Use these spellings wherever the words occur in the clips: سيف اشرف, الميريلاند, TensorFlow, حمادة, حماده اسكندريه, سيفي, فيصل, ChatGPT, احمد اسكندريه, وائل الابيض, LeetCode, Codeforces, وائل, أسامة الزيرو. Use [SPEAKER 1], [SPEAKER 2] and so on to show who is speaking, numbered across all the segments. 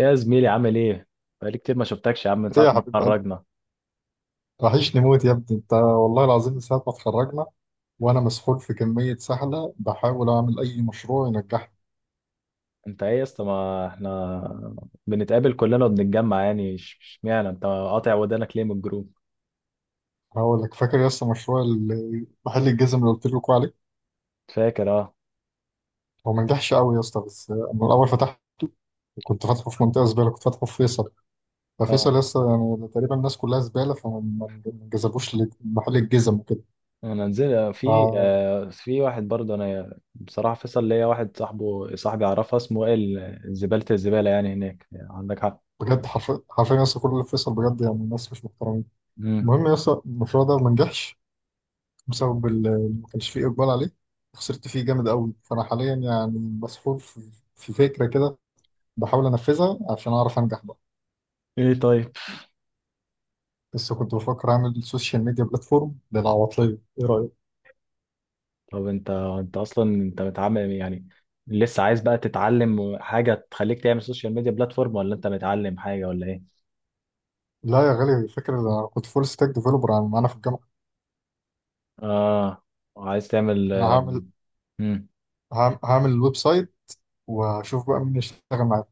[SPEAKER 1] يا زميلي عامل ايه؟ بقالي كتير ما شفتكش يا عم من
[SPEAKER 2] ايه
[SPEAKER 1] ساعة
[SPEAKER 2] يا
[SPEAKER 1] ما
[SPEAKER 2] حبيب قلبي،
[SPEAKER 1] اتخرجنا.
[SPEAKER 2] وحشني موت يا ابني انت والله العظيم من ساعة ما اتخرجنا. وانا مسحول في كمية سحلة بحاول اعمل اي مشروع ينجحني.
[SPEAKER 1] انت ايه يا اسطى، ما احنا بنتقابل كلنا وبنتجمع، يعني اشمعنى انت قاطع ودانك ليه من الجروب؟
[SPEAKER 2] هقول لك، فاكر يا اسطى مشروع محل الجزم اللي قلت لكم عليه؟
[SPEAKER 1] فاكر اه.
[SPEAKER 2] هو ما نجحش قوي يا اسطى، بس انا الاول فتحت، كنت فاتحه في منطقة زبالة، كنت فاتحه في فيصل.
[SPEAKER 1] اه
[SPEAKER 2] ففيصل يا اسطى يعني تقريبا الناس كلها زبالة، فما ما جذبوش محل الجزم وكده.
[SPEAKER 1] انا نزل، في
[SPEAKER 2] ف-
[SPEAKER 1] آه في واحد برضه، انا بصراحة فيصل ليا واحد، صاحبه صاحبي، اعرفه، اسمه وائل زبالة، الزبالة يعني هناك، عندك حق.
[SPEAKER 2] بجد حرفيا يا اسطى، كل اللي في فيصل بجد يعني الناس مش محترمين.
[SPEAKER 1] مم.
[SPEAKER 2] المهم يا اسطى، المشروع ده ما نجحش بسبب ما كانش فيه اقبال عليه. خسرت فيه جامد قوي، فانا حاليا يعني مسحول في فكره كده، بحاول انفذها عشان اعرف انجح بقى.
[SPEAKER 1] ايه طيب؟
[SPEAKER 2] بس كنت بفكر اعمل سوشيال ميديا بلاتفورم للعواطليه، ايه رايك؟
[SPEAKER 1] طب انت اصلا انت متعامل، يعني لسه عايز بقى تتعلم حاجة تخليك تعمل سوشيال ميديا بلاتفورم، ولا انت متعلم حاجة، ولا ايه؟
[SPEAKER 2] لا يا غالي، الفكره ده انا كنت فول ستاك ديفلوبر انا في الجامعه.
[SPEAKER 1] اه. عايز تعمل.
[SPEAKER 2] انا هعمل،
[SPEAKER 1] مم.
[SPEAKER 2] هعمل الويب سايت واشوف بقى مين يشتغل معايا.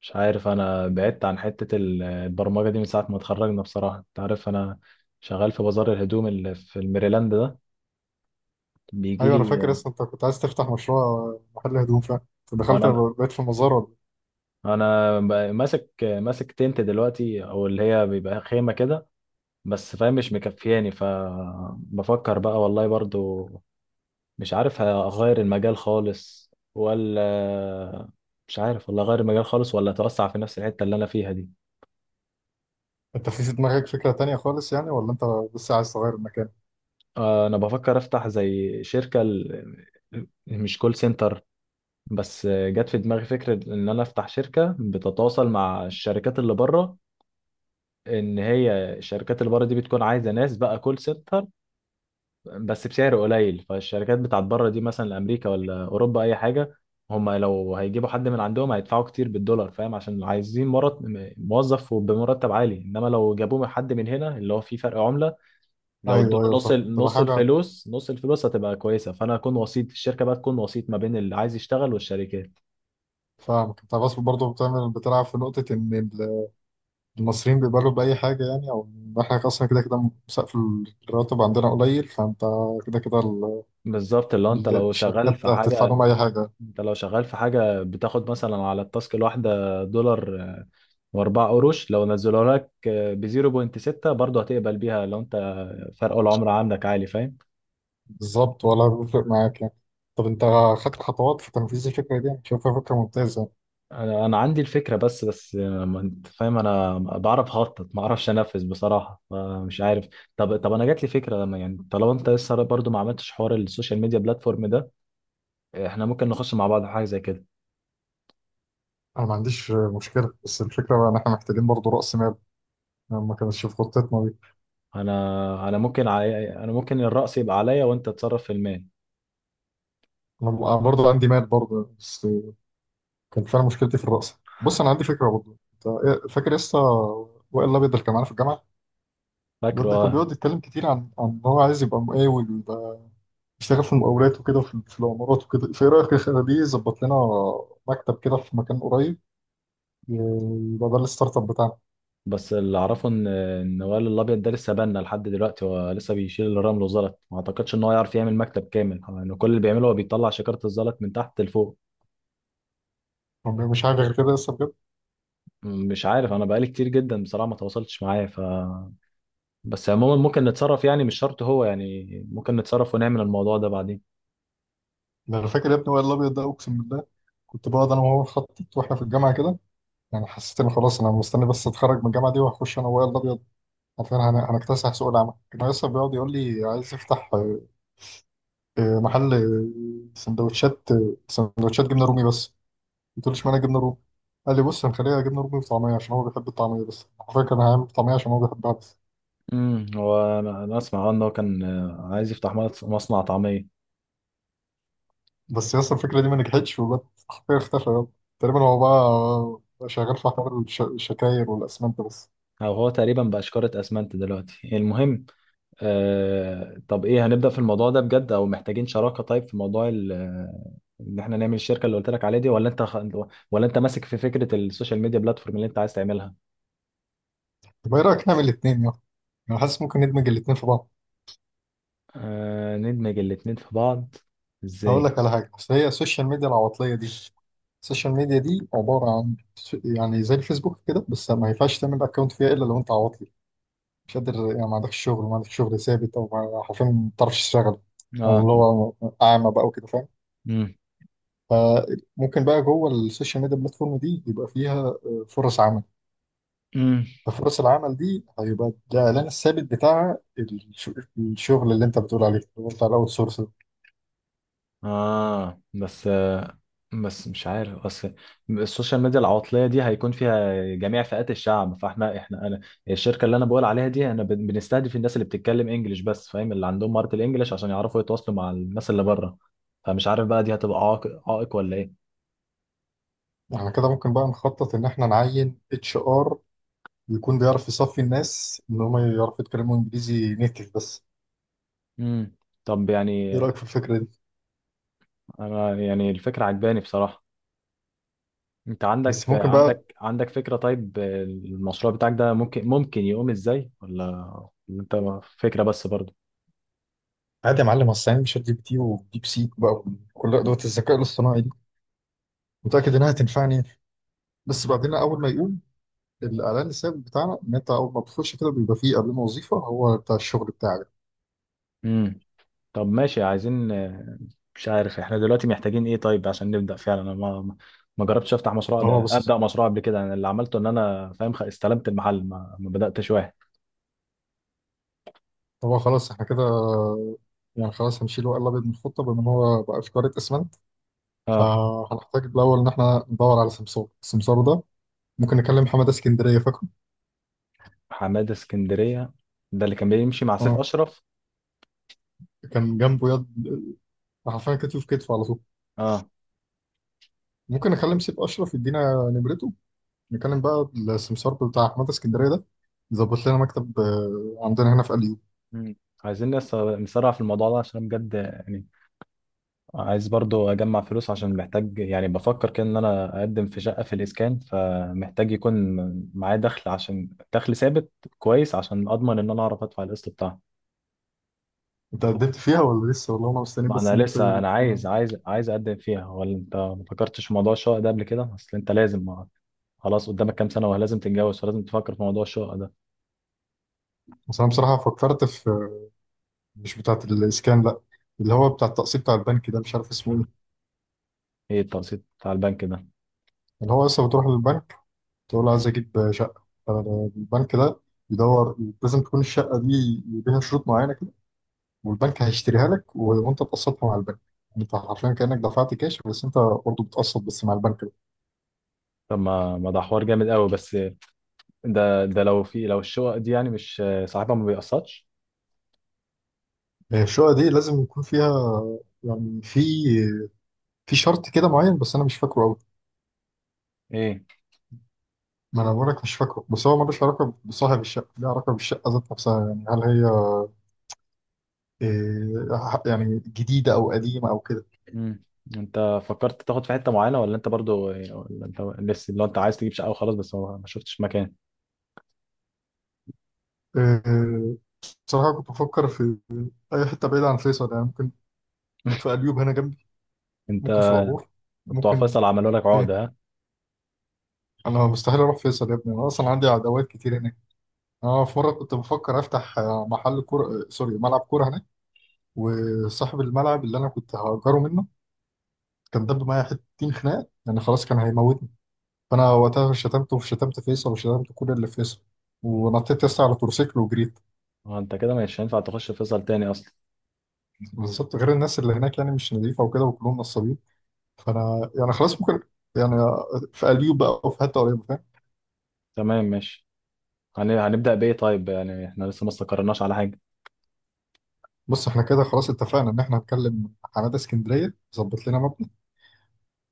[SPEAKER 1] مش عارف، انا بعدت عن حتة البرمجة دي من ساعة ما اتخرجنا، بصراحة انت عارف انا شغال في بازار الهدوم اللي في الميريلاند ده، بيجي
[SPEAKER 2] ايوه انا فاكر،
[SPEAKER 1] لي.
[SPEAKER 2] اصلا انت كنت عايز تفتح مشروع محل هدوم، فاهم؟ أنت دخلت
[SPEAKER 1] وانا
[SPEAKER 2] بقيت في مزار ولا إيه؟
[SPEAKER 1] انا ماسك تنت دلوقتي، او اللي هي بيبقى خيمة كده، بس فاهم مش مكفياني، فبفكر بقى والله برضو، مش عارف اغير المجال خالص ولا، مش عارف والله اغير المجال خالص ولا اتوسع في نفس الحتة اللي انا فيها دي.
[SPEAKER 2] انت في دماغك فكره تانيه خالص يعني، ولا انت بس عايز تغير المكان؟
[SPEAKER 1] انا بفكر افتح زي شركة مش كول سنتر، بس جت في دماغي فكرة ان انا افتح شركة بتتواصل مع الشركات اللي بره، ان هي الشركات اللي بره دي بتكون عايزة ناس بقى كول سنتر بس بسعر قليل. فالشركات بتاعت بره دي مثلا امريكا ولا اوروبا اي حاجة، هما لو هيجيبوا حد من عندهم هيدفعوا كتير بالدولار، فاهم؟ عشان عايزين موظف وبمرتب عالي، انما لو جابوه حد من هنا اللي هو فيه فرق عملة، لو
[SPEAKER 2] ايوه
[SPEAKER 1] ادونا
[SPEAKER 2] ايوه فاهم، تبقى
[SPEAKER 1] نص
[SPEAKER 2] حاجه.
[SPEAKER 1] الفلوس نص الفلوس هتبقى كويسه. فانا اكون وسيط الشركه، بقى تكون وسيط ما بين اللي عايز يشتغل والشركات.
[SPEAKER 2] فاهمك انت، بس برضه بتعمل بتلعب في نقطة ان المصريين بيقبلوا بأي حاجة، يعني او ان احنا اصلا كده كده سقف الراتب عندنا قليل، فانت كده كده
[SPEAKER 1] بالظبط، اللي هو
[SPEAKER 2] الشركات هتدفع لهم أي حاجة.
[SPEAKER 1] انت لو شغال في حاجه بتاخد مثلا على التاسك الواحده دولار واربع قروش، لو نزلوا لك ب 0.6 برضه هتقبل بيها، لو انت فرق العمر عندك عالي، فاهم.
[SPEAKER 2] بالظبط، ولا بيفرق معاك يعني؟ طب انت خدت خطوات في تنفيذ الفكرة دي؟ شايفها فكرة ممتازة يعني.
[SPEAKER 1] انا عندي الفكره، بس ما انت فاهم، انا بعرف اخطط، ما اعرفش انفذ بصراحه، فمش عارف. طب انا جات لي فكره، لما يعني طالما انت لسه برضو ما عملتش حوار السوشيال ميديا بلاتفورم ده، احنا ممكن نخش مع بعض في حاجه زي كده.
[SPEAKER 2] انا ما عنديش مشكلة، بس الفكرة بقى ان احنا محتاجين برضه رأس مال، انا ما كانتش في خطتنا دي.
[SPEAKER 1] انا ممكن الرأس يبقى عليا وانت تتصرف في المال.
[SPEAKER 2] انا برضه عندي مال برضه، بس كان فعلا مشكلتي في الرأس. بص انا عندي فكرة برضه، انت فاكر لسه وائل الابيض اللي كان معانا في الجامعة؟ الواد
[SPEAKER 1] فاكره
[SPEAKER 2] ده كان
[SPEAKER 1] اه.
[SPEAKER 2] بيقعد يتكلم كتير عن ان هو عايز يبقى مقاول، ويبقى بيشتغل في المقاولات وكده، وفي العمارات وكده. فايه رايك نخليه يظبط لنا مكتب كده في مكان قريب؟ يبقى ده الستارت اب بتاعنا.
[SPEAKER 1] بس اللي اعرفه ان وائل الابيض ده لسه بنا لحد دلوقتي، هو لسه بيشيل الرمل والزلط، ما اعتقدش ان هو يعرف يعمل مكتب كامل، يعني كل اللي بيعمله هو بيطلع شكاره الزلط من تحت لفوق.
[SPEAKER 2] هو مش حاجه غير كده لسه، بجد؟
[SPEAKER 1] مش عارف، انا بقالي كتير جدا بصراحه ما تواصلتش معاه، ف بس عموما ممكن نتصرف يعني، مش شرط هو يعني، ممكن نتصرف ونعمل الموضوع ده بعدين.
[SPEAKER 2] ده انا فاكر يا ابني وائل الابيض ده، اقسم بالله كنت بقعد انا وهو نخطط واحنا في الجامعه كده. يعني حسيت ان خلاص انا مستني بس اتخرج من الجامعه دي، وهخش انا وائل الابيض عشان هنكتسح سوق العمل. كان لسه بيقعد يقول لي عايز يفتح محل سندوتشات، سندوتشات جبنه رومي بس. قلت له اشمعنى جبنه رومي؟ قال لي بص هنخليها جبنه رومي وطعميه، عشان هو بيحب الطعميه، بس حرفيا كان هيعمل طعميه عشان هو بيحبها بس.
[SPEAKER 1] هو انا اسمع ان هو كان عايز يفتح مصنع طعميه.
[SPEAKER 2] بس يا اسطى الفكره دي ما نجحتش، وبقت حرفيا اختفى يلا. تقريبا هو بقى شغال في حوار الشكاير والاسمنت بس.
[SPEAKER 1] او هو تقريبا بقى شكاره اسمنت دلوقتي، المهم. طب ايه، هنبدا في الموضوع ده بجد او محتاجين شراكه؟ طيب، في موضوع ان احنا نعمل الشركه اللي قلت لك عليها دي، ولا انت ولا انت ماسك في فكره السوشيال ميديا بلاتفورم اللي انت عايز تعملها؟
[SPEAKER 2] طب ايه رايك نعمل الاثنين يلا؟ انا حاسس ممكن ندمج الاثنين في بعض.
[SPEAKER 1] ندمج الاتنين في بعض،
[SPEAKER 2] هقول
[SPEAKER 1] ازاي؟
[SPEAKER 2] لك على حاجه، بس هي السوشيال ميديا العواطليه دي، السوشيال ميديا دي عباره عن يعني زي الفيسبوك كده، بس ما ينفعش تعمل اكونت فيها الا لو انت عواطلي، مش قادر يعني، ما عندكش شغل، ما عندكش شغل ثابت، او حرفيا ما بتعرفش تشتغل، او
[SPEAKER 1] اه.
[SPEAKER 2] اللي هو اعمى بقى وكده، فاهم؟
[SPEAKER 1] امم.
[SPEAKER 2] فممكن بقى جوه السوشيال ميديا بلاتفورم دي يبقى فيها فرص عمل.
[SPEAKER 1] امم.
[SPEAKER 2] ففرص العمل دي هيبقى الاعلان الثابت بتاع الشغل اللي انت بتقول عليه، اللي هو بتاع الاوت سورس.
[SPEAKER 1] اه، بس مش عارف، اصل السوشيال ميديا العواطليه دي هيكون فيها جميع فئات الشعب، فاحنا احنا انا الشركه اللي انا بقول عليها دي انا بنستهدف الناس اللي بتتكلم انجليش بس، فاهم، اللي عندهم مهاره الانجليش عشان يعرفوا يتواصلوا مع الناس اللي بره. فمش عارف بقى دي هتبقى عائق ولا ايه.
[SPEAKER 2] على كده ممكن بقى نخطط ان احنا نعين اتش ار، يكون بيعرف يصفي الناس ان هم يعرفوا يتكلموا انجليزي نيتف بس.
[SPEAKER 1] امم. طب
[SPEAKER 2] ايه
[SPEAKER 1] يعني،
[SPEAKER 2] رايك في الفكره دي؟
[SPEAKER 1] انا يعني الفكره عجباني بصراحه. انت عندك
[SPEAKER 2] بس ممكن بقى
[SPEAKER 1] عندك عندك فكره، طيب المشروع بتاعك ده ممكن يقوم ازاي، ولا ولا انت فكره بس
[SPEAKER 2] عادي يا معلم، اصل يعني شات جي بي تي وديب سيك بقى، وكل ادوات الذكاء الاصطناعي دي متاكد انها هتنفعني. بس بعدين اول ما يقول الاعلان الثابت بتاعنا ان انت اول ما بتخش كده بيبقى فيه قبلنا وظيفه هو بتاع الشغل بتاعك.
[SPEAKER 1] برضه؟ طب ماشي، عايزين مش عارف احنا دلوقتي محتاجين ايه طيب عشان نبدأ فعلا، انا ما جربتش افتح مشروع
[SPEAKER 2] هو
[SPEAKER 1] ده،
[SPEAKER 2] بس،
[SPEAKER 1] ابدأ مشروع قبل كده، انا اللي عملته ان انا فاهم استلمت المحل، ما بدأتش واحد.
[SPEAKER 2] هو خلاص احنا كده، يعني خلاص هنشيل ورق الابيض من الخطه، بما ان هو بقى في قاره اسمنت.
[SPEAKER 1] اه.
[SPEAKER 2] هنحتاج الاول ان احنا ندور على سمسار. السمسار ده ممكن نكلم حماده اسكندريه، فاكره؟
[SPEAKER 1] حمادة اسكندرية ده اللي كان بيمشي مع سيف
[SPEAKER 2] اه،
[SPEAKER 1] اشرف.
[SPEAKER 2] كان جنبه يد، حرفيا كتف في كتفه على طول.
[SPEAKER 1] اه.
[SPEAKER 2] ممكن اكلم سيف اشرف يدينا نمرته، نتكلم بقى السمسار بتاع احمد اسكندريه ده، ظبط لنا مكتب عندنا هنا في اليوم.
[SPEAKER 1] مم. عايزين نسرع في الموضوع ده، عشان بجد يعني عايز برضو اجمع فلوس، عشان محتاج يعني، بفكر كده ان انا اقدم في شقة في الاسكان، فمحتاج يكون معايا دخل، عشان دخل ثابت كويس عشان اضمن ان انا اعرف ادفع القسط بتاعها.
[SPEAKER 2] انت قدمت فيها ولا لسه؟ والله انا مستني
[SPEAKER 1] ما
[SPEAKER 2] بس
[SPEAKER 1] انا
[SPEAKER 2] انت
[SPEAKER 1] لسه، انا
[SPEAKER 2] يكون
[SPEAKER 1] عايز
[SPEAKER 2] عندك.
[SPEAKER 1] عايز عايز اقدم فيها، ولا انت ما فكرتش في موضوع الشقه ده قبل كده؟ اصل انت لازم خلاص قدامك كام سنه ولازم تتجوز، فلازم تفكر في موضوع الشقه ده.
[SPEAKER 2] بس انا بصراحه فكرت في مش بتاعه الاسكان لا، اللي هو بتاع التقسيط بتاع البنك ده، مش عارف اسمه ايه.
[SPEAKER 1] ايه التقسيط بتاع البنك ده؟
[SPEAKER 2] اللي هو لسه بتروح للبنك تقول عايز اجيب شقه، فالبنك ده بيدور، لازم تكون الشقه دي ليها شروط معينه كده، والبنك هيشتريها لك وانت تقسطها مع البنك. يعني انت حرفيا كانك دفعت كاش، بس انت برضه بتقسط بس مع البنك.
[SPEAKER 1] طب ما ده حوار جامد قوي، بس ده ده لو الشقق دي يعني مش صاحبها ما بيقسطش؟
[SPEAKER 2] هي الشقة دي لازم يكون فيها، يعني في، في شرط كده معين، بس أنا مش فاكره أوي.
[SPEAKER 1] ايه.
[SPEAKER 2] ما أنا بقولك مش فاكره. بس هو ملوش علاقة بصاحب الشقة، ليه علاقة بالشقة ذات نفسها، يعني هل هي إيه يعني، جديدة أو قديمة أو كده.
[SPEAKER 1] امم. انت فكرت تاخد في حته معينه، ولا انت برضو، ولا انت لسه لو انت عايز تجيب شقه وخلاص بس ما شفتش مكان؟
[SPEAKER 2] إيه، بصراحة كنت بفكر في أي حتة بعيدة عن فيصل. يعني ممكن في أليوب هنا جنبي،
[SPEAKER 1] انت
[SPEAKER 2] ممكن في العبور،
[SPEAKER 1] بتوع
[SPEAKER 2] ممكن
[SPEAKER 1] فيصل عملوا لك
[SPEAKER 2] إيه.
[SPEAKER 1] عقده، ها؟
[SPEAKER 2] أنا مستحيل أروح فيصل يا ابني، أنا أصلا عندي عداوات كتير هناك. أنا في مرة كنت بفكر أفتح محل كورة، سوري ملعب كورة، وصاحب الملعب اللي انا كنت هأجره منه كان دب معايا حتتين خناق، يعني خلاص كان هيموتني. فانا وقتها شتمته وشتمت فيصل وشتمت كل اللي في فيصل، ونطيت لسه على تورسيكل وجريت.
[SPEAKER 1] انت كده مش هينفع تخش فيصل تاني اصلا.
[SPEAKER 2] بالظبط، غير الناس اللي هناك يعني مش نظيفه وكده، وكلهم نصابين. فانا يعني خلاص ممكن يعني في قليوب بقى وفي حته قريبه، فاهم؟
[SPEAKER 1] تمام ماشي، هنبدأ بإيه طيب؟ يعني احنا لسه ما استقرناش على حاجة.
[SPEAKER 2] بص احنا كده خلاص اتفقنا ان احنا هنكلم حماده اسكندريه ظبط لنا مبنى.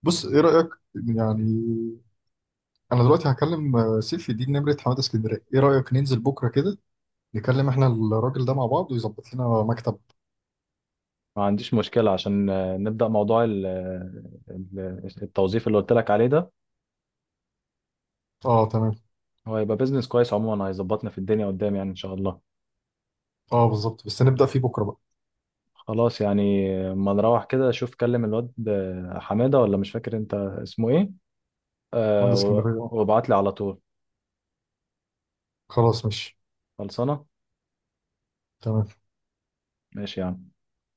[SPEAKER 2] بص ايه رايك يعني، انا دلوقتي هكلم سيفي دي نمره حماده اسكندريه، ايه رايك ننزل بكره كده نكلم احنا الراجل ده مع بعض ويظبط لنا مكتب؟
[SPEAKER 1] ما عنديش مشكلة، عشان نبدأ موضوع التوظيف اللي قلت لك عليه ده.
[SPEAKER 2] اه تمام.
[SPEAKER 1] هو هيبقى بيزنس كويس عموما، هيظبطنا في الدنيا قدام يعني إن شاء الله.
[SPEAKER 2] اه بالظبط، بس نبدأ فيه بكره بقى.
[SPEAKER 1] خلاص يعني، ما نروح كده، شوف كلم الواد حمادة، ولا مش فاكر انت اسمه ايه،
[SPEAKER 2] مهندس اسكندريه اه.
[SPEAKER 1] وابعت لي على طول.
[SPEAKER 2] خلاص ماشي.
[SPEAKER 1] خلصانة.
[SPEAKER 2] تمام.
[SPEAKER 1] ماشي يعني.